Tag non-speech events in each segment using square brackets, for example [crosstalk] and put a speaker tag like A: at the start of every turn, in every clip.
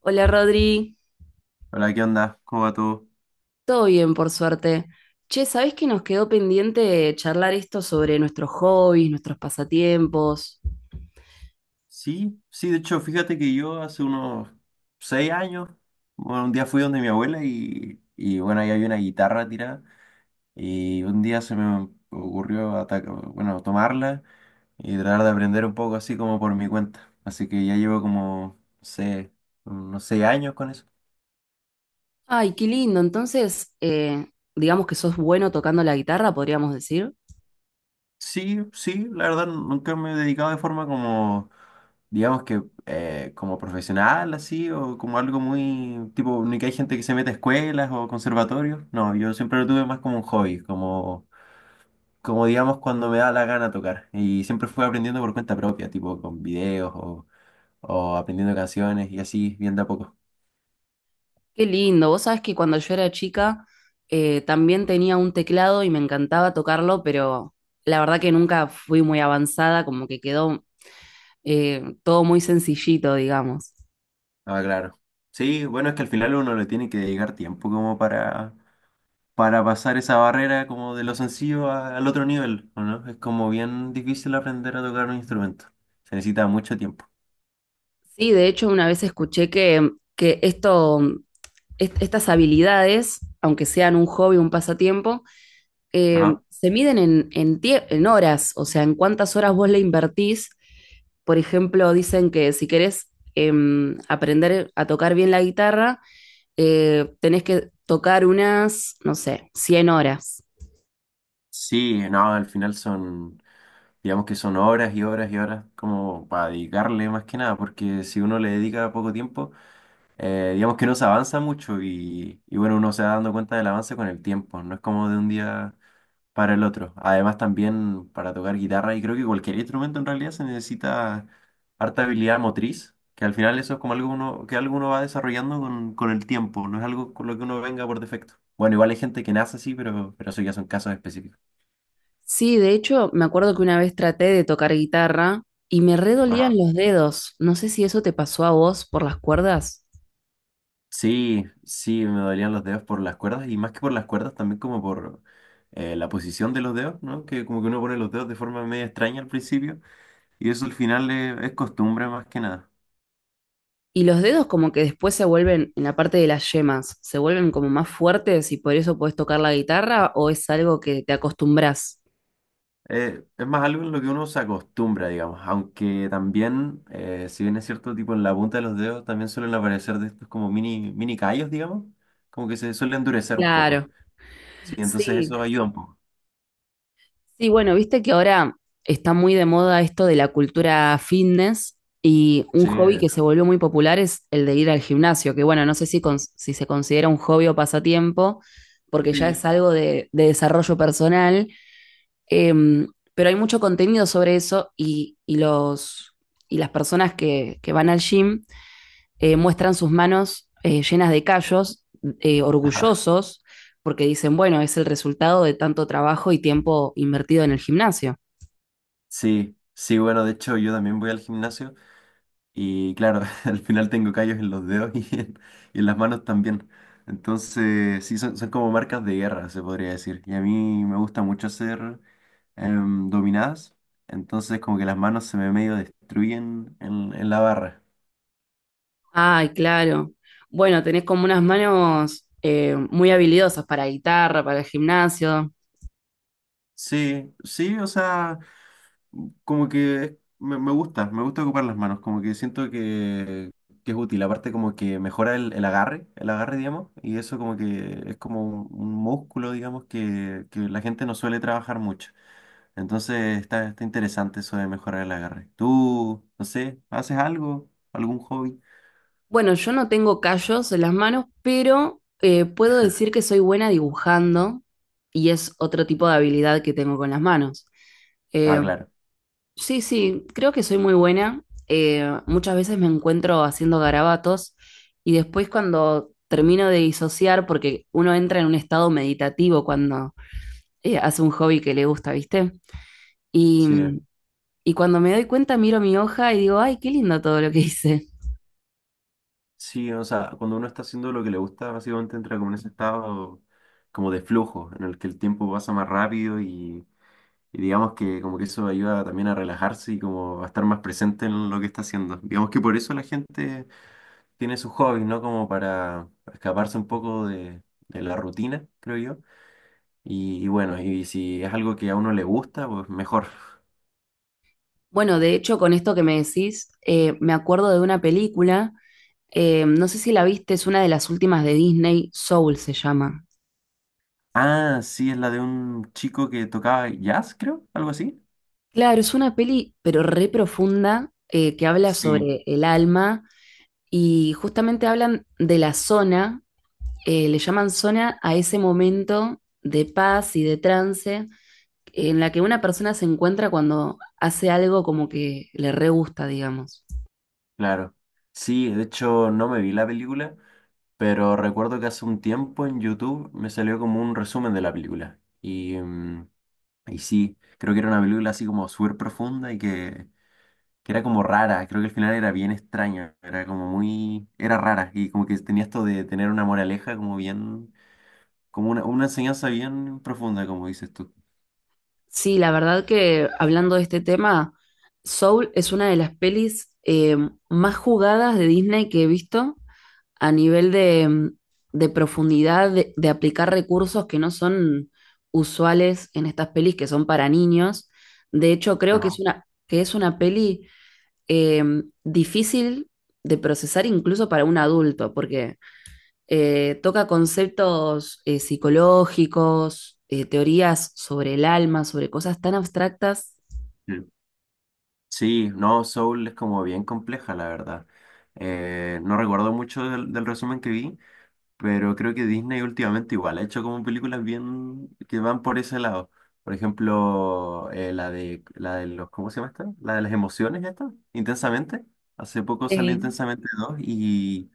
A: Hola Rodri,
B: Hola, ¿qué onda? ¿Cómo va todo?
A: todo bien por suerte. Che, ¿sabés que nos quedó pendiente charlar esto sobre nuestros hobbies, nuestros pasatiempos?
B: Sí, sí, de hecho, fíjate que yo hace unos 6 años, bueno, un día fui donde mi abuela y bueno, ahí había una guitarra tirada y un día se me ocurrió bueno, tomarla y tratar de aprender un poco así como por mi cuenta. Así que ya llevo como, no sé, unos 6 años con eso.
A: Ay, qué lindo. Entonces, digamos que sos bueno tocando la guitarra, podríamos decir.
B: Sí, sí, la verdad nunca me he dedicado de forma como digamos que como profesional así o como algo muy tipo, ni que hay gente que se mete a escuelas o conservatorios. No, yo siempre lo tuve más como un hobby, como, como digamos cuando me da la gana tocar. Y siempre fui aprendiendo por cuenta propia, tipo con videos o aprendiendo canciones y así, bien de a poco.
A: Qué lindo. Vos sabés que cuando yo era chica también tenía un teclado y me encantaba tocarlo, pero la verdad que nunca fui muy avanzada, como que quedó todo muy sencillito, digamos.
B: Ah, claro. Sí, bueno, es que al final uno le tiene que dedicar tiempo como para pasar esa barrera como de lo sencillo al otro nivel, ¿o no? Es como bien difícil aprender a tocar un instrumento. Se necesita mucho tiempo.
A: Sí, de hecho, una vez escuché que esto estas habilidades, aunque sean un hobby, un pasatiempo,
B: Ajá.
A: se miden en horas, o sea, en cuántas horas vos le invertís. Por ejemplo, dicen que si querés aprender a tocar bien la guitarra, tenés que tocar unas, no sé, 100 horas.
B: Sí, no, al final son, digamos que son horas y horas y horas como para dedicarle más que nada, porque si uno le dedica poco tiempo, digamos que no se avanza mucho y bueno, uno se va dando cuenta del avance con el tiempo, no es como de un día para el otro. Además también para tocar guitarra y creo que cualquier instrumento en realidad se necesita harta habilidad motriz, que al final eso es como algo uno, que algo uno va desarrollando con el tiempo, no es algo con lo que uno venga por defecto. Bueno, igual hay gente que nace así, pero eso ya son casos específicos.
A: Sí, de hecho, me acuerdo que una vez traté de tocar guitarra y me redolían los dedos. No sé si eso te pasó a vos por las cuerdas.
B: Sí, sí, me dolían los dedos por las cuerdas y más que por las cuerdas también como por la posición de los dedos, ¿no? Que como que uno pone los dedos de forma medio extraña al principio y eso al final es costumbre más que nada.
A: Y los dedos como que después se vuelven, en la parte de las yemas, se vuelven como más fuertes y por eso podés tocar la guitarra o es algo que te acostumbras.
B: Es más algo en lo que uno se acostumbra, digamos, aunque también, si bien es cierto, tipo en la punta de los dedos también suelen aparecer de estos como mini callos, digamos, como que se suele endurecer un poco.
A: Claro,
B: Sí, entonces
A: sí.
B: eso ayuda un poco.
A: Sí, bueno, viste que ahora está muy de moda esto de la cultura fitness y un
B: Sí,
A: hobby que se volvió muy popular es el de ir al gimnasio, que bueno, no sé si, si se considera un hobby o pasatiempo, porque ya
B: sí.
A: es algo de desarrollo personal. Em, pero hay mucho contenido sobre eso y los, y las personas que van al gym muestran sus manos llenas de callos, orgullosos, porque dicen, bueno, es el resultado de tanto trabajo y tiempo invertido en el gimnasio.
B: Sí, sí, bueno, de hecho yo también voy al gimnasio. Y claro, [laughs] al final tengo callos en los dedos [laughs] y en las manos también. Entonces, sí, son como marcas de guerra, se podría decir. Y a mí me gusta mucho hacer dominadas. Entonces, como que las manos se me medio destruyen en la barra.
A: Ay, claro. Bueno, tenés como unas manos muy habilidosas para guitarra, para el gimnasio.
B: Sí, sí, o sea, como que me gusta ocupar las manos, como que siento que es útil, aparte como que mejora el agarre, digamos, y eso como que es como un músculo, digamos, que la gente no suele trabajar mucho. Entonces está, está interesante eso de mejorar el agarre. ¿Tú, no sé, haces algo, algún hobby?
A: Bueno, yo no tengo callos en las manos, pero puedo decir que soy buena dibujando y es otro tipo de habilidad que tengo con las manos.
B: Ah,
A: Eh,
B: claro,
A: sí, sí, creo que soy muy buena. Muchas veces me encuentro haciendo garabatos y después cuando termino de disociar, porque uno entra en un estado meditativo cuando hace un hobby que le gusta, ¿viste? Y,
B: sí.
A: y cuando me doy cuenta miro mi hoja y digo, ay, qué lindo todo lo que hice.
B: Sí, o sea, cuando uno está haciendo lo que le gusta, básicamente entra como en ese estado como de flujo, en el que el tiempo pasa más rápido y Y digamos que como que eso ayuda también a relajarse y como a estar más presente en lo que está haciendo. Digamos que por eso la gente tiene sus hobbies, ¿no? Como para escaparse un poco de la rutina, creo yo. Y bueno, y si es algo que a uno le gusta, pues mejor.
A: Bueno, de hecho, con esto que me decís, me acuerdo de una película, no sé si la viste, es una de las últimas de Disney, Soul se llama.
B: Ah, sí, es la de un chico que tocaba jazz, creo, algo así.
A: Claro, es una peli, pero re profunda, que habla
B: Sí,
A: sobre el alma y justamente hablan de la zona, le llaman zona a ese momento de paz y de trance en la que una persona se encuentra cuando hace algo como que le re gusta, digamos.
B: claro. Sí, de hecho no me vi la película, pero recuerdo que hace un tiempo en YouTube me salió como un resumen de la película. Y, Y sí, creo que era una película así como súper profunda y que era como rara. Creo que al final era bien extraña. Era como muy... Era rara. Y como que tenía esto de tener una moraleja como bien... Como una enseñanza bien profunda, como dices tú.
A: Sí, la verdad que hablando de este tema, Soul es una de las pelis más jugadas de Disney que he visto a nivel de, mm, de profundidad, de aplicar recursos que no son usuales en estas pelis que son para niños. De hecho, creo
B: Ajá.
A: que es una peli eh, difícil de procesar incluso para un adulto, porque toca conceptos psicológicos, teorías sobre el alma, sobre cosas tan abstractas.
B: Sí, sí, no, Soul es como bien compleja, la verdad. No recuerdo mucho del resumen que vi, pero creo que Disney últimamente igual ha hecho como películas bien que van por ese lado. Por ejemplo, la de los, ¿cómo se llama esta? La de las emociones esta, Intensamente. Hace poco salió
A: Sí.
B: Intensamente dos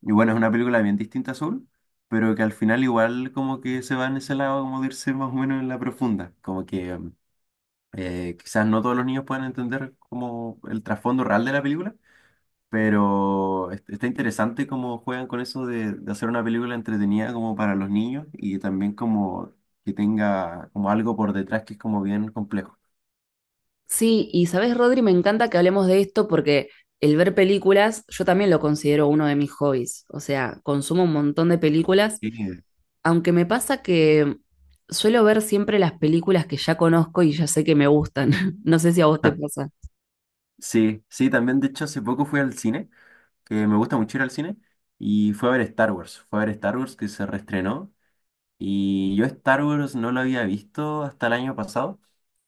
B: y bueno, es una película bien distinta a Soul, pero que al final igual como que se va en ese lado como de irse más o menos en la profunda. Como que quizás no todos los niños puedan entender como el trasfondo real de la película, pero está interesante cómo juegan con eso de hacer una película entretenida como para los niños y también como que tenga como algo por detrás que es como bien complejo.
A: Sí, y sabes, Rodri, me encanta que hablemos de esto porque el ver películas, yo también lo considero uno de mis hobbies. O sea, consumo un montón de películas,
B: Sí,
A: aunque me pasa que suelo ver siempre las películas que ya conozco y ya sé que me gustan. [laughs] No sé si a vos te
B: [laughs]
A: pasa.
B: sí, sí, también de hecho hace poco fui al cine, que me gusta mucho ir al cine, y fue a ver Star Wars, fue a ver Star Wars que se reestrenó y yo Star Wars no lo había visto hasta el año pasado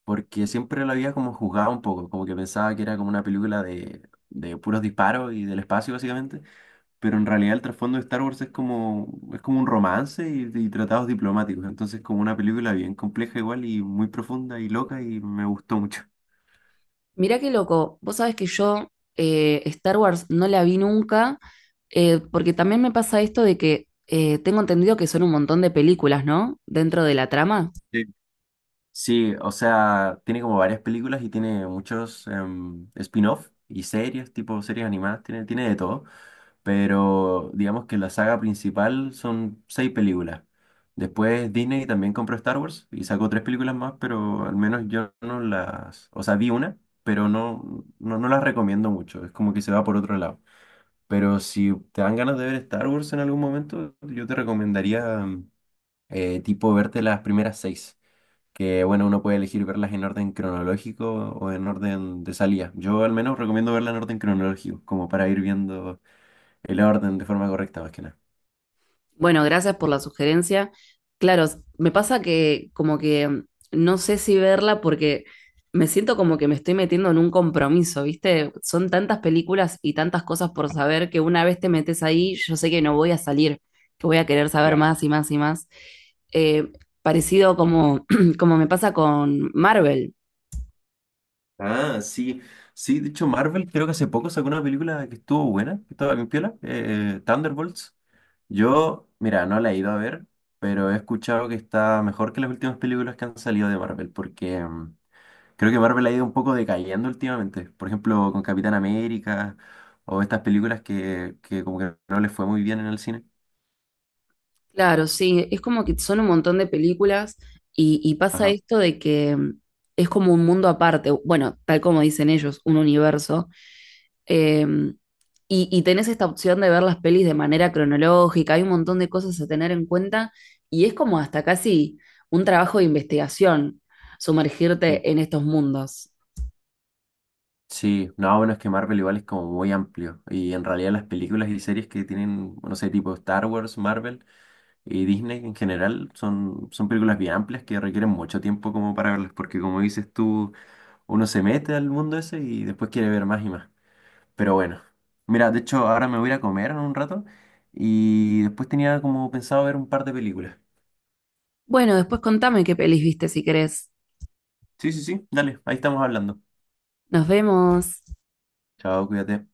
B: porque siempre lo había como juzgado un poco, como que pensaba que era como una película de puros disparos y del espacio básicamente. Pero en realidad el trasfondo de Star Wars es es como un romance y tratados diplomáticos, entonces como una película bien compleja igual y muy profunda y loca y me gustó mucho.
A: Mirá qué loco, vos sabés que yo Star Wars no la vi nunca, porque también me pasa esto de que tengo entendido que son un montón de películas, ¿no? Dentro de la trama.
B: Sí, o sea, tiene como varias películas y tiene muchos spin-off y series, tipo series animadas, tiene de todo. Pero digamos que la saga principal son seis películas. Después Disney también compró Star Wars y sacó tres películas más, pero al menos yo no las, o sea, vi una, pero no las recomiendo mucho, es como que se va por otro lado. Pero si te dan ganas de ver Star Wars en algún momento, yo te recomendaría tipo verte las primeras seis que bueno, uno puede elegir verlas en orden cronológico o en orden de salida. Yo al menos recomiendo verlas en orden cronológico, como para ir viendo el orden de forma correcta más que nada.
A: Bueno, gracias por la sugerencia. Claro, me pasa que como que mm, no sé si verla porque me siento como que me estoy metiendo en un compromiso, ¿viste? Son tantas películas y tantas cosas por saber que una vez te metes ahí, yo sé que no voy a salir, que voy a querer saber
B: Claro.
A: más y más y más. Eh, parecido como, [clears throat] como me pasa con Marvel.
B: Ah, sí, sí, de hecho Marvel creo que hace poco sacó una película que estuvo buena, que estaba bien piola, Thunderbolts. Yo, mira, no la he ido a ver, pero he escuchado que está mejor que las últimas películas que han salido de Marvel, porque creo que Marvel ha ido un poco decayendo últimamente. Por ejemplo, con Capitán América o estas películas que como que no les fue muy bien en el cine.
A: Claro, sí, es como que son un montón de películas y pasa
B: Ajá.
A: esto de que mm, es como un mundo aparte, bueno, tal como dicen ellos, un universo, eh, y tenés esta opción de ver las pelis de manera cronológica, hay un montón de cosas a tener en cuenta y es como hasta casi un trabajo de investigación
B: Sí.
A: sumergirte en estos mundos.
B: Sí, no, bueno, es que Marvel igual es como muy amplio. Y en realidad las películas y series que tienen, no sé, tipo Star Wars, Marvel y Disney en general, son películas bien amplias que requieren mucho tiempo como para verlas. Porque como dices tú, uno se mete al mundo ese y después quiere ver más y más. Pero bueno, mira, de hecho ahora me voy a ir a comer en un rato y después tenía como pensado ver un par de películas.
A: Bueno, después contame qué pelis viste si querés.
B: Sí, sí, sí, dale, ahí estamos hablando.
A: Nos vemos.
B: Chao, cuídate.